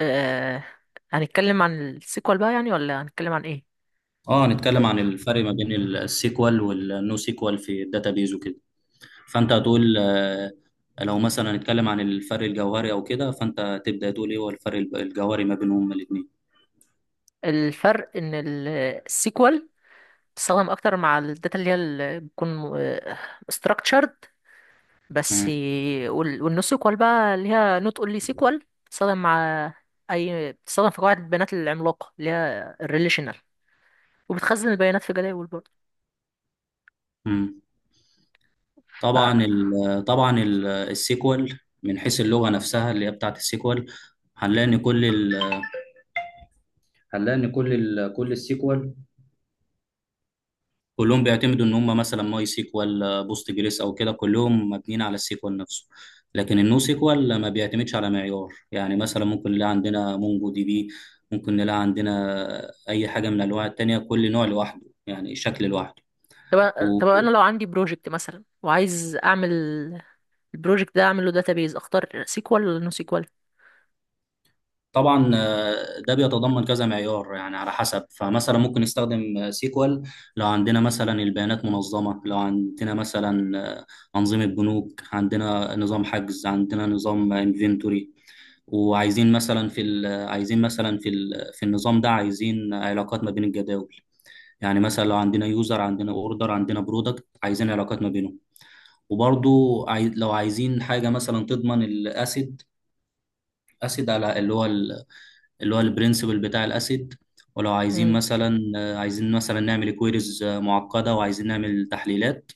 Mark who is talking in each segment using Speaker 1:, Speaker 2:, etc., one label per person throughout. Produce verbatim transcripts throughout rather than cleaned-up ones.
Speaker 1: آه، هنتكلم عن السيكوال بقى، يعني ولا هنتكلم عن ايه؟
Speaker 2: اه، هنتكلم عن الفرق ما بين السيكوال والنو سيكوال في الداتابيز وكده. فانت هتقول آه، لو مثلا هنتكلم عن الفرق الجوهري او كده، فانت تبدا تقول ايه هو الفرق الب- الجوهري ما بينهم هما الاثنين.
Speaker 1: الفرق ان ال- السيكوال بتستخدم اكتر مع الداتا اللي هي اللي بتكون آه، structured بس.
Speaker 2: مم.
Speaker 1: وال- والنو سيكوال بقى، اللي هي نوت اونلي سيكوال، بتستخدم مع اي بتستخدم في قواعد البيانات العملاقه اللي هي الريليشنال، وبتخزن البيانات في جداول برضه.
Speaker 2: مم.
Speaker 1: ف
Speaker 2: طبعا ال طبعا ال- السيكوال من حيث اللغه نفسها اللي هي بتاعت السيكوال، هنلاقي ان كل ال هنلاقي ان كل ال كل السيكوال كلهم بيعتمدوا ان هم مثلا ماي سيكوال، آه، بوست جريس او كده، كلهم مبنيين على السيكوال نفسه. لكن النو سيكوال ما بيعتمدش على معيار، يعني مثلا ممكن نلاقي عندنا مونجو دي بي، ممكن نلاقي عندنا اي حاجه من الانواع التانية، كل نوع لوحده يعني شكل لوحده.
Speaker 1: طب طب انا لو عندي بروجكت مثلا وعايز اعمل البروجكت ده، اعمل له داتابيز، اختار سيكوال ولا نو سيكوال؟
Speaker 2: وطبعا آه، ده بيتضمن كذا معيار يعني على حسب، فمثلا ممكن نستخدم آه، سيكوال لو عندنا مثلا البيانات منظمه، لو عندنا مثلا آه، انظمه بنوك، عندنا نظام حجز، عندنا نظام انفنتوري، وعايزين مثلا في ال- عايزين مثلا في ال- في النظام ده عايزين علاقات ما بين الجداول. يعني مثلا لو عندنا يوزر، عندنا اوردر، عندنا برودكت، عايزين علاقات ما بينهم. وبرضو عاي- لو عايزين حاجه مثلا تضمن الاسيد، اسيد على اللي هو ال- اللي هو البرنسبل بتاع الاسيد. ولو عايزين مثلا، عايزين مثلا نعمل كويريز معقده وعايزين نعمل تحليلات،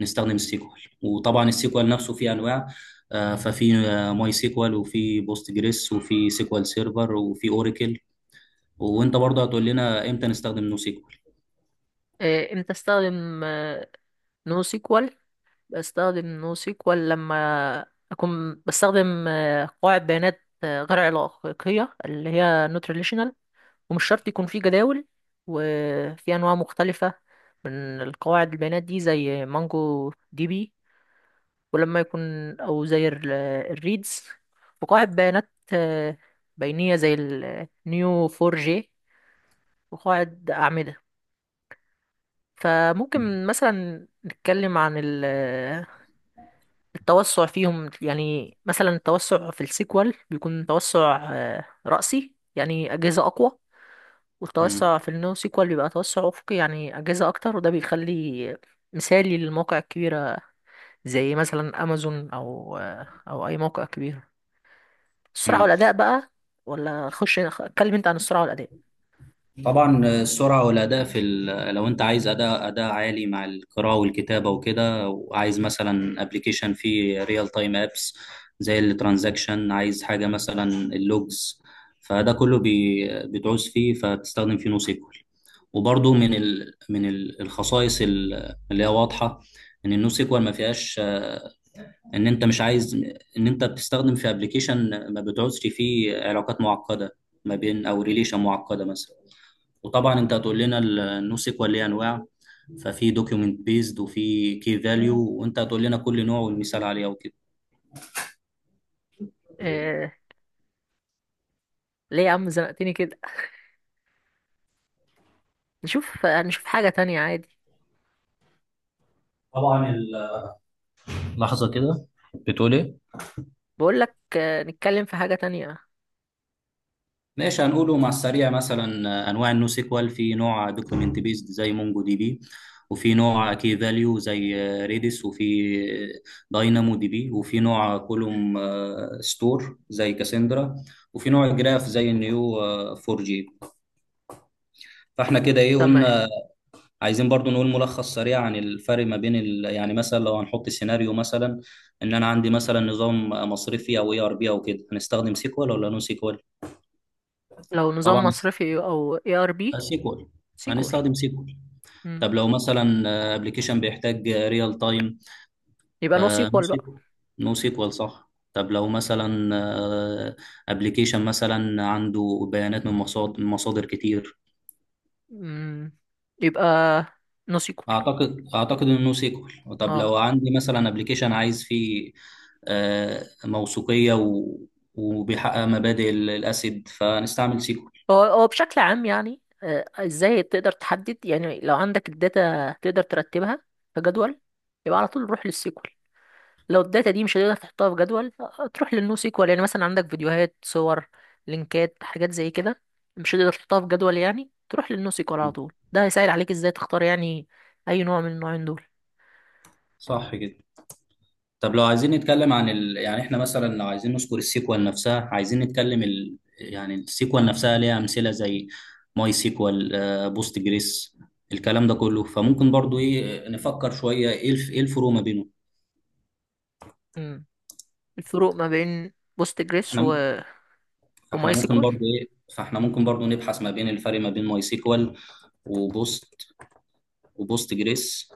Speaker 2: نستخدم السيكوال. وطبعا السيكوال نفسه فيه انواع، آه، ففي آه، ماي سيكوال وفي بوست جريس وفي سيكوال سيرفر وفي اوراكل. وانت برضه هتقول لنا امتى نستخدم نو سيكوال.
Speaker 1: آه، امتى استخدم آه، نو سيكوال؟ بستخدم نو سيكوال لما اكون بستخدم آه، قواعد بيانات آه، غير علاقية، اللي هي نوت ريليشنال، ومش شرط يكون في جداول، وفي انواع مختلفة من القواعد البيانات دي زي مانجو دي بي، ولما يكون او زي ال- الريدز، وقواعد بيانات آه، بينية زي النيو فور جي، وقواعد أعمدة. فممكن مثلا نتكلم عن التوسع فيهم، يعني مثلا التوسع في السيكوال بيكون توسع آه، رأسي، يعني أجهزة أقوى،
Speaker 2: مم.
Speaker 1: والتوسع في النو سيكوال بيبقى توسع أفقي، يعني أجهزة أكتر، وده بيخلي مثالي للمواقع الكبيرة زي مثلا أمازون أو آه، أو أي موقع كبير. السرعة
Speaker 2: مم.
Speaker 1: والأداء بقى، ولا خش اتكلم أنت عن السرعة والأداء.
Speaker 2: طبعا السرعه والاداء في ال... لو انت عايز اداء اداء عالي مع القراءه والكتابه وكده، وعايز مثلا ابلكيشن فيه ريال تايم ابس زي الترانزاكشن، عايز حاجه مثلا اللوجز، فده كله بي... بتعوز فيه، فبتستخدم فيه نو سيكوال. وبرضه من ال... من ال- الخصائص ال- اللي هي واضحه ان النو سيكوال ما فيهاش، ان انت مش عايز ان انت بتستخدم في ابلكيشن ما بتعوزش فيه علاقات معقده ما بين او ريليشن معقده مثلا. وطبعا انت هتقول لنا النو سيكوال ليه انواع، ففي دوكيومنت بيزد وفي كي فاليو، وانت هتقول لنا كل نوع والمثال عليه وكده.
Speaker 1: آه، ليه يا عم زنقتني كده؟ نشوف آه، نشوف حاجة تانية عادي.
Speaker 2: طبعا. اللحظه كده بتقول ايه؟
Speaker 1: بقول لك آه، نتكلم في حاجة تانية.
Speaker 2: ماشي، هنقوله مع السريع مثلا. انواع النو سيكوال: في نوع دوكيومنت بيزد زي مونجو دي بي، وفي نوع كي فاليو زي ريدس، وفي داينامو دي بي، وفي نوع كولوم ستور زي كاسندرا، وفي نوع جراف زي النيو فور جي. فاحنا كده ايه
Speaker 1: تمام.
Speaker 2: قلنا؟ عايزين برضو نقول ملخص سريع عن الفرق ما بين ال... يعني مثلا لو هنحط سيناريو مثلا، ان انا عندي مثلا نظام مصرفي او اي ار بي او كده، هنستخدم سيكوال ولا نو سيكوال؟
Speaker 1: لو نظام
Speaker 2: طبعا.
Speaker 1: مصرفي أو اي ار بي؟
Speaker 2: سيكوال.
Speaker 1: سيكوال.
Speaker 2: هنستخدم سيكوال.
Speaker 1: مم.
Speaker 2: طب لو مثلا ابلكيشن بيحتاج ريال تايم،
Speaker 1: يبقى نو
Speaker 2: نو
Speaker 1: سيكوال بقى.
Speaker 2: سيكوال. نو سيكوال، صح. طب لو مثلا ابلكيشن مثلا عنده بيانات من مصادر من مصادر كتير،
Speaker 1: مم. يبقى نو سيكوال.
Speaker 2: اعتقد اعتقد انه نو سيكوال. طب
Speaker 1: اه.
Speaker 2: لو عندي مثلا ابلكيشن عايز فيه آه، موثوقية و- وبيحقق مبادئ الاسيد، فنستعمل سيكوال.
Speaker 1: هو هو بشكل عام يعني، آه، ازاي تقدر تحدد؟ يعني لو عندك الداتا تقدر ترتبها في جدول، يبقى على طول روح للسيكوال. لو الداتا دي مش هتقدر تحطها في جدول، آه، تروح للنو سيكوال. يعني مثلا عندك فيديوهات، صور، لينكات، حاجات زي كده، مش هتقدر تحطها في جدول، يعني تروح للنو سيكوال على طول. ده هيسهل عليك ازاي تختار يعني اي نوع من النوعين دول.
Speaker 2: صح كده. طب لو عايزين نتكلم عن ال... يعني احنا مثلا لو عايزين نذكر السيكوال نفسها، عايزين نتكلم ال... يعني السيكوال نفسها ليها امثله زي ماي سيكوال، بوست جريس، الكلام ده كله، فممكن برضو ايه نفكر شويه ايه الف... ايه الفروق ما بينهم.
Speaker 1: مم. الفروق ما بين بوست جريس
Speaker 2: احنا
Speaker 1: و...
Speaker 2: م- فاحنا
Speaker 1: وماي
Speaker 2: ممكن
Speaker 1: سيكوال.
Speaker 2: برضو ايه، فاحنا ممكن برضو نبحث ما بين الفرق ما بين ماي سيكوال وبوست وبوست جريس.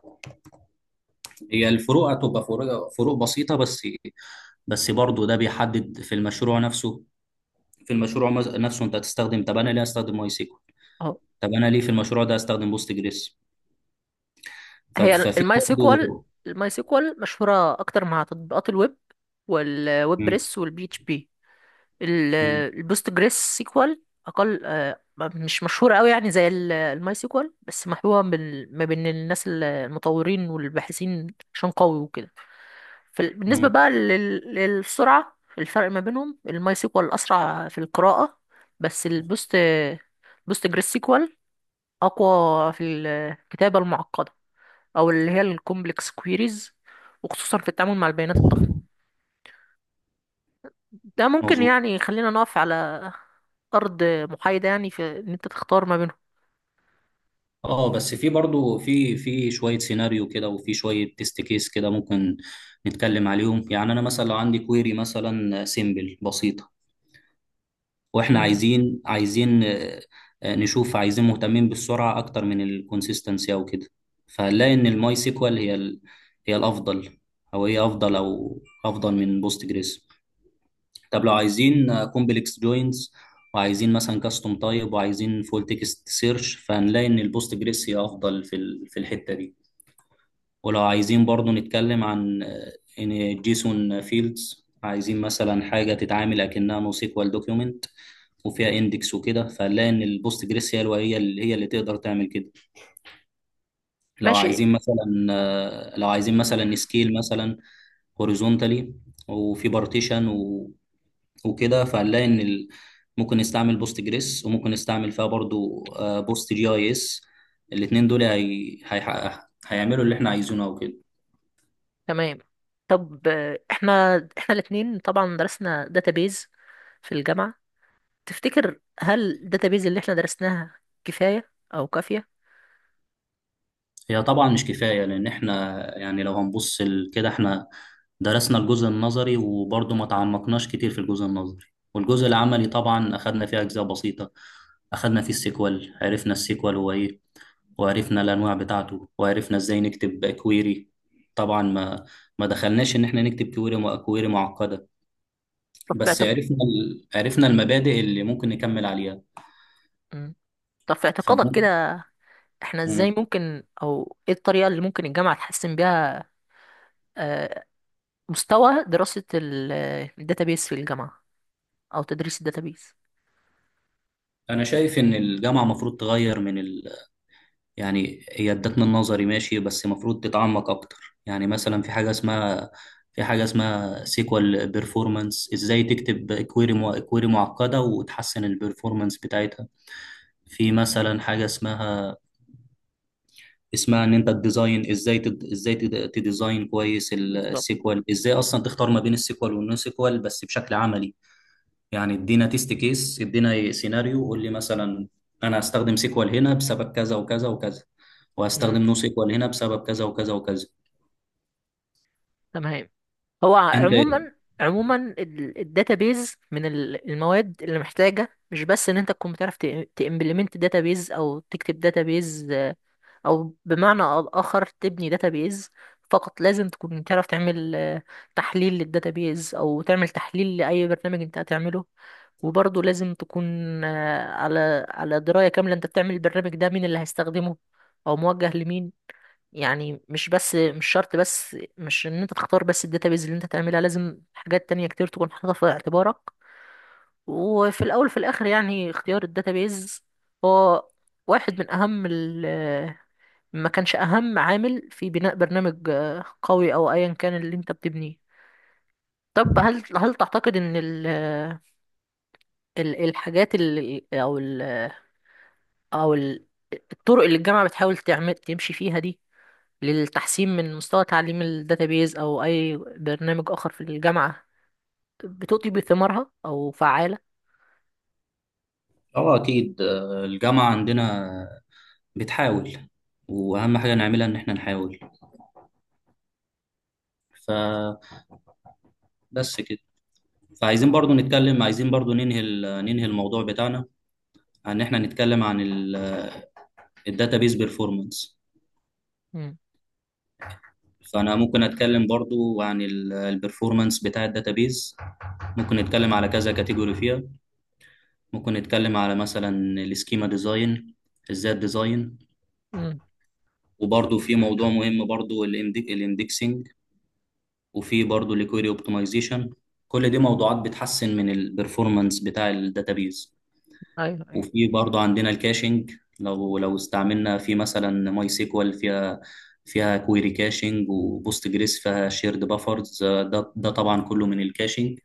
Speaker 2: هي الفروق هتبقى فروق فروق بسيطه بس، بس برضو ده بيحدد في المشروع نفسه. في المشروع مز- نفسه انت هتستخدم. طب انا ليه استخدم ماي سيكوال؟ طب انا ليه في المشروع ده استخدم بوست جريس؟ ف-
Speaker 1: هي
Speaker 2: ففي
Speaker 1: الماي سيكوال
Speaker 2: برضه.
Speaker 1: الماي سيكوال مشهورة أكتر مع تطبيقات الويب والويب
Speaker 2: مم،
Speaker 1: بريس والبي اتش بي.
Speaker 2: مم،
Speaker 1: البوست جريس سيكوال أقل، آه، مش مشهورة أوي يعني زي الماي سيكوال، بس محبوبة بال- ما بين الناس المطورين والباحثين، عشان قوي وكده. فال- بالنسبة
Speaker 2: مم،
Speaker 1: بقى لل- للسرعة، الفرق ما بينهم الماي سيكوال أسرع في القراءة، بس البوست بوست جريس سيكوال أقوى في الكتابة المعقدة، او اللي هي الكومبلكس كويريز، وخصوصا في التعامل مع البيانات الضخمة. ده ممكن
Speaker 2: مظبوط.
Speaker 1: يعني يخلينا نقف على ارض محايدة، يعني في ان انت تختار ما بينهم.
Speaker 2: اه بس في برضه، في في شويه سيناريو كده وفي شويه تيست كيس كده، ممكن نتكلم عليهم. يعني انا مثلا لو عندي كويري مثلا سيمبل بسيطه، واحنا
Speaker 1: مم.
Speaker 2: عايزين عايزين آه، آه، نشوف، عايزين مهتمين بالسرعه اكتر من الكونسيستنسي او كده، فهنلاقي ان الماي سيكوال هي ال- هي الافضل، او هي افضل او افضل من بوست جريس. طب لو عايزين كومبلكس جوينز، وعايزين مثلا كاستم تايب، وعايزين فول تكست سيرش، فهنلاقي ان البوست جريس هي افضل في ال- في الحته دي. ولو عايزين برضو نتكلم عن آه، ان جيسون فيلدز، عايزين مثلا حاجه تتعامل اكنها نو سيكوال دوكيومنت وفيها اندكس وكده، فهنلاقي ان البوست جريس هي الو- هي اللي هي اللي تقدر تعمل كده. لو
Speaker 1: ماشي.
Speaker 2: عايزين مثلا آه، لو عايزين مثلا سكيل مثلا هوريزونتالي وفي بارتيشن وكده، فهنلاقي ان ال... ممكن نستعمل بوست جريس، وممكن نستعمل فيها برضو آه، بوست جي اي اس. الاتنين دول هي... هيحقق هيعملوا اللي احنا عايزينه او كده.
Speaker 1: تمام. طب آه، احنا احنا الاتنين طبعا درسنا داتابيز في الجامعة. تفتكر هل الداتابيز اللي احنا درسناها كفاية او كافية؟
Speaker 2: هي طبعا مش كفاية، لان احنا يعني لو هنبص ال- كده، احنا درسنا الجزء النظري، وبرضو ما تعمقناش كتير في الجزء النظري، والجزء العملي طبعا اخدنا فيه اجزاء بسيطة، اخدنا فيه السيكوال، عرفنا السيكوال هو ايه، وعرفنا الانواع بتاعته، وعرفنا ازاي نكتب كويري. طبعا ما ما دخلناش ان احنا نكتب كويري كويري معقده،
Speaker 1: طب في
Speaker 2: بس
Speaker 1: اعتق...
Speaker 2: عرفنا ال... عرفنا المبادئ اللي ممكن نكمل عليها،
Speaker 1: مم. طب في اعتقادك كده،
Speaker 2: فممكن.
Speaker 1: احنا ازاي ممكن، او ايه الطريقة اللي ممكن الجامعة تحسن بيها آه، مستوى دراسة الداتابيس في الجامعة، أو تدريس الداتابيس؟
Speaker 2: انا شايف ان الجامعه المفروض تغير من ال... يعني هي ادتنا النظري ماشي، بس المفروض تتعمق اكتر. يعني مثلا في حاجه اسمها، في حاجه اسمها سيكوال بيرفورمانس، ازاي تكتب كويري مع... كويري معقده وتحسن البيرفورمانس بتاعتها. في مثلا حاجه اسمها، اسمها ان انت الديزاين، ازاي تد... ازاي تد... تديزاين كويس ال-
Speaker 1: بالظبط.
Speaker 2: السيكوال، ازاي اصلا تختار ما بين السيكوال والنو سيكوال بس بشكل عملي. يعني ادينا تيست كيس، ادينا سيناريو، قول لي مثلا انا هستخدم سيكوال هنا بسبب كذا وكذا وكذا،
Speaker 1: امم
Speaker 2: وهستخدم نو سيكوال هنا بسبب كذا وكذا وكذا.
Speaker 1: تمام. هو
Speaker 2: انت.
Speaker 1: عموما عموما الداتابيز من ال- المواد اللي محتاجة، مش بس ان انت تكون بتعرف تإمبلمنت داتابيز او تكتب داتابيز، او بمعنى اخر تبني داتابيز فقط. لازم تكون تعرف تعمل آه، تحليل للداتابيز، او تعمل تحليل لاي برنامج انت هتعمله. وبرضه لازم تكون آه، على على دراية كاملة انت بتعمل البرنامج ده، مين اللي هيستخدمه او موجه لمين. يعني مش بس، مش شرط بس مش ان انت تختار بس الداتابيز اللي انت تعملها، لازم حاجات تانية كتير تكون حاططها في اعتبارك. وفي الاول في الاخر، يعني اختيار الداتابيز هو واحد من اهم، ما كانش أهم عامل في بناء برنامج آه، قوي أو أيا كان اللي أنت بتبنيه. طب هل هل تعتقد إن ال ال- الحاجات اللي، أو ال أو ال- الطرق اللي الجامعة بتحاول تعمل تمشي فيها دي، للتحسين من مستوى تعليم الداتابيز أو أي برنامج آخر في الجامعة، بتؤتي بثمارها أو فعالة؟
Speaker 2: اه، اكيد. آه، الجامعة عندنا بتحاول، واهم حاجة نعملها ان احنا نحاول. فبس كده. فعايزين برضو نتكلم، عايزين برضو ننهي ال- ننهي الموضوع بتاعنا، ان احنا نتكلم عن ال الداتابيز بيرفورمانس.
Speaker 1: مم.
Speaker 2: فانا ممكن اتكلم برضو عن ال- البرفورمانس بتاع الداتابيز. ممكن نتكلم على كذا كاتيجوري فيها. ممكن نتكلم على مثلا السكيما ديزاين، ازاي الديزاين،
Speaker 1: مم.
Speaker 2: وبرضو في موضوع مهم برضو الاندكسنج، وفي برضو الكويري اوبتمايزيشن. كل دي موضوعات بتحسن من البرفورمانس بتاع الداتابيز.
Speaker 1: أيوه، أيوه.
Speaker 2: وفي برضه عندنا الكاشنج. لو لو استعملنا في مثلا ماي سيكوال، فيها فيها كويري كاشنج، وبوست جريس فيها شيرد بافرز، ده ده طبعا كله من الكاشنج.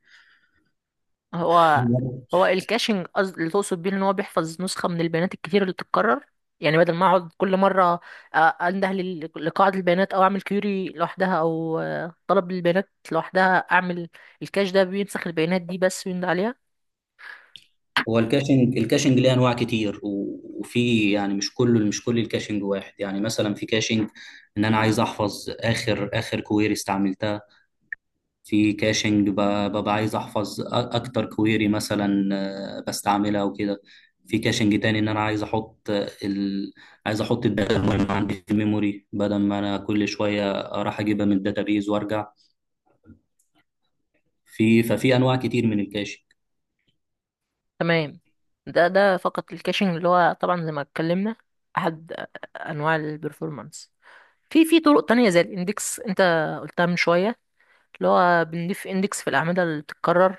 Speaker 1: هو
Speaker 2: هو
Speaker 1: هو الكاشنج، قصد اللي تقصد بيه ان هو بيحفظ نسخه من البيانات الكتير اللي بتتكرر. يعني بدل ما اقعد كل مره آه، انده لل- لقاعده البيانات، او اعمل كيوري لوحدها، او آه، طلب للبيانات لوحدها، اعمل الكاش ده بينسخ البيانات دي بس ويند عليها.
Speaker 2: هو الكاشنج الكاشنج ليه انواع كتير، و- وفي يعني مش كله مش كل الكاشنج واحد. يعني مثلا في كاشنج ان انا عايز احفظ اخر اخر كويري استعملتها. في كاشنج ب- ببقى عايز احفظ أ- اكتر كويري مثلا، آه، بستعملها وكده. في كاشنج تاني ان انا عايز احط آه، ال... عايز احط الداتا المهمه عندي في الميموري، بدل ما انا كل شويه راح اجيبها من الداتابيز وارجع. في ففي انواع كتير من الكاشنج.
Speaker 1: تمام. ده ده فقط الكاشنج، اللي هو طبعا زي ما اتكلمنا احد انواع البرفورمانس. في في طرق تانية زي الاندكس، انت قلتها من شويه، اللي هو بنضيف اندكس في الاعمده اللي بتتكرر،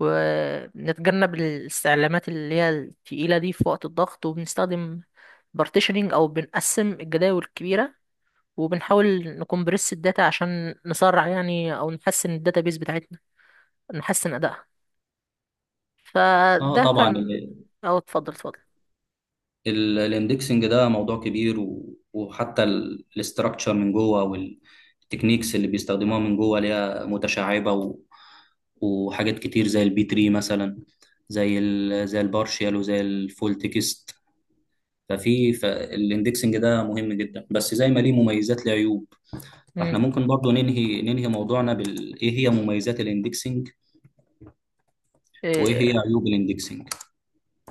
Speaker 1: ونتجنب الاستعلامات اللي هي التقيلة دي في وقت الضغط. وبنستخدم بارتيشنينج أو بنقسم الجداول الكبيرة، وبنحاول نكمبرس الداتا عشان نسرع يعني، أو نحسن الداتابيز بتاعتنا، نحسن أدائها.
Speaker 2: اه
Speaker 1: فده
Speaker 2: طبعا.
Speaker 1: كان. أو اتفضل اتفضل.
Speaker 2: ال- الاندكسنج ده موضوع كبير، و- وحتى ال- الاستراكشر من جوه، والتكنيكس اللي بيستخدموها من جوه ليها متشعبة، و- وحاجات كتير زي البي ثري مثلا، زي ال زي البارشيال وزي الفول تكست. ففي فالاندكسنج ده مهم جدا، بس زي ما ليه مميزات ليه عيوب. فاحنا
Speaker 1: مم.
Speaker 2: ممكن برضو ننهي ننهي موضوعنا بال ايه هي مميزات الاندكسنج، وايه
Speaker 1: إيه،
Speaker 2: هي عيوب الاندكسنج.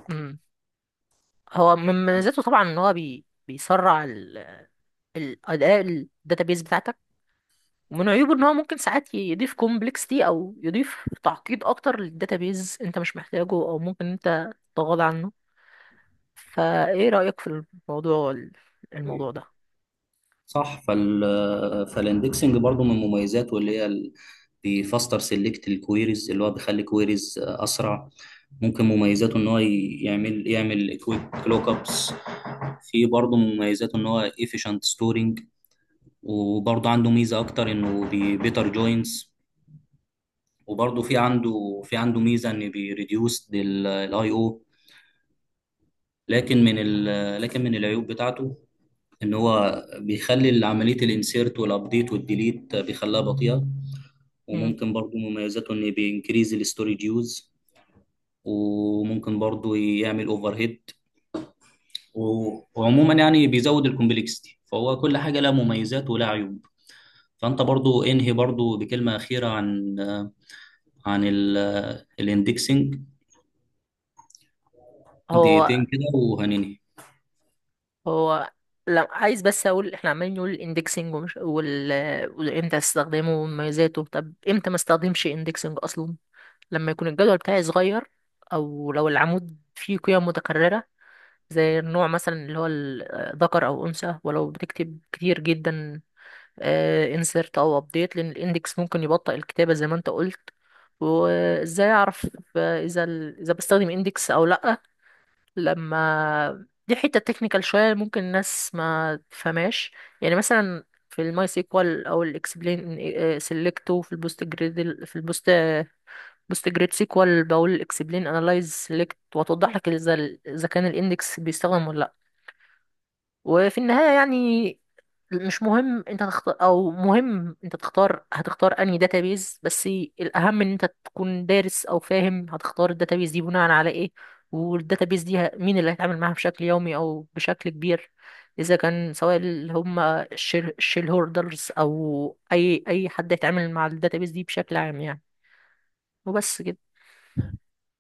Speaker 1: مم. هو من مميزاته طبعا إن هو بي... بيسرع ال... الأداء الداتابيز بتاعتك. ومن عيوبه ان هو ممكن ساعات يضيف كومبلكسيتي، او يضيف تعقيد اكتر للداتابيز انت مش محتاجه، او ممكن انت تتغاضى عنه. فايه رأيك في الموضوع الموضوع ده؟
Speaker 2: صح. فال فالاندكسنج برضو من مميزاته اللي هي ال- بيفاستر سيلكت الكويريز، اللي هو بيخلي كويريز اسرع. ممكن مميزاته ان هو ي- يعمل يعمل كويك لوك ابس. في برضو مميزاته ان هو efficient ستورنج. وبرضو عنده ميزة اكتر انه بيتر جوينز. وبرضو في عنده في عنده ميزة ان بيريديوس الاي او. لكن من ال لكن من العيوب بتاعته ان هو بيخلي عملية الانسيرت والابديت والديليت بيخليها بطيئة.
Speaker 1: مم.
Speaker 2: وممكن برضو مميزاته ان بينكريز الستورج يوز. وممكن برضو يعمل اوفر هيد. و- وعموما يعني بيزود الكومبلكسيتي. فهو كل حاجه لها مميزات ولها عيوب. فانت برضو انهي برضو بكلمه اخيره عن عن الاندكسنج.
Speaker 1: هو
Speaker 2: دقيقتين كده وهننهي.
Speaker 1: هو لا، عايز بس اقول احنا عمالين نقول الاندكسنج ومش وال... وامتى استخدمه ومميزاته. طب امتى ما استخدمش اندكسنج اصلا؟ لما يكون الجدول بتاعي صغير، او لو العمود فيه قيم متكررة زي النوع مثلا اللي هو ال- ذكر او انثى، ولو بتكتب كتير جدا انسرت او ابديت، لان الاندكس ممكن يبطئ الكتابه زي ما انت قلت. وازاي اعرف آه، اذا ال- اذا بستخدم اندكس او لا؟ لما دي حته تكنيكال شويه ممكن الناس ما تفهمهاش، يعني مثلا في الماي سيكوال او الاكسبلين سيلكت، وفي البوست جريد، في البوست بوست جريد سيكوال بقول اكسبلين انالايز سيلكت، وتوضح لك اذا ال- اذا كان الاندكس بيستخدم ولا لا. وفي النهاية يعني مش مهم انت تختار، او مهم انت تختار هتختار انهي داتابيز بس، الاهم ان انت تكون دارس او فاهم هتختار الداتابيز دي بناء على ايه. والداتابيز دي ه- مين اللي هيتعامل معاها بشكل يومي او بشكل كبير، اذا كان سواء اللي هم الشير الشيل هولدرز، او اي اي حد هيتعامل مع الداتابيز دي بشكل عام يعني. وبس كده.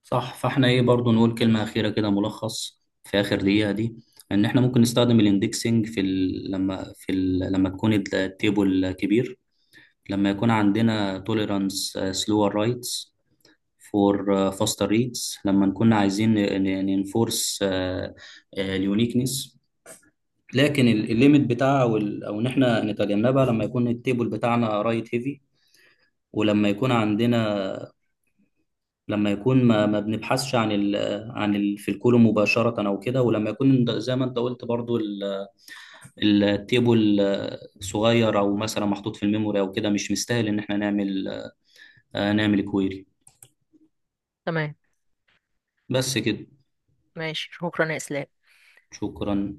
Speaker 2: صح، فاحنا ايه برضو نقول كلمه اخيره كده، ملخص في اخر دقيقه دي. ان احنا ممكن نستخدم الاندكسنج في ال... لما في ال... لما تكون التيبل كبير، لما يكون عندنا tolerance uh, slower rights for uh, faster reads، لما نكون عايزين ننفورس اليونيكنس. لكن ال- الليميت بتاعها او ال- أو ان احنا نتجنبها لما يكون التيبل بتاعنا رايت هيفي، ولما يكون عندنا لما يكون ما, ما بنبحثش عن ال عن ال في الكولوم مباشرة او كده، ولما يكون ده- زي ما انت قلت برضو، ال- التيبل آه، صغير او مثلا محطوط في الميموري او كده، مش مستاهل ان احنا نعمل آه، نعمل كويري.
Speaker 1: تمام.
Speaker 2: بس كده.
Speaker 1: ماشي. شكرا يا اسلام.
Speaker 2: شكرا.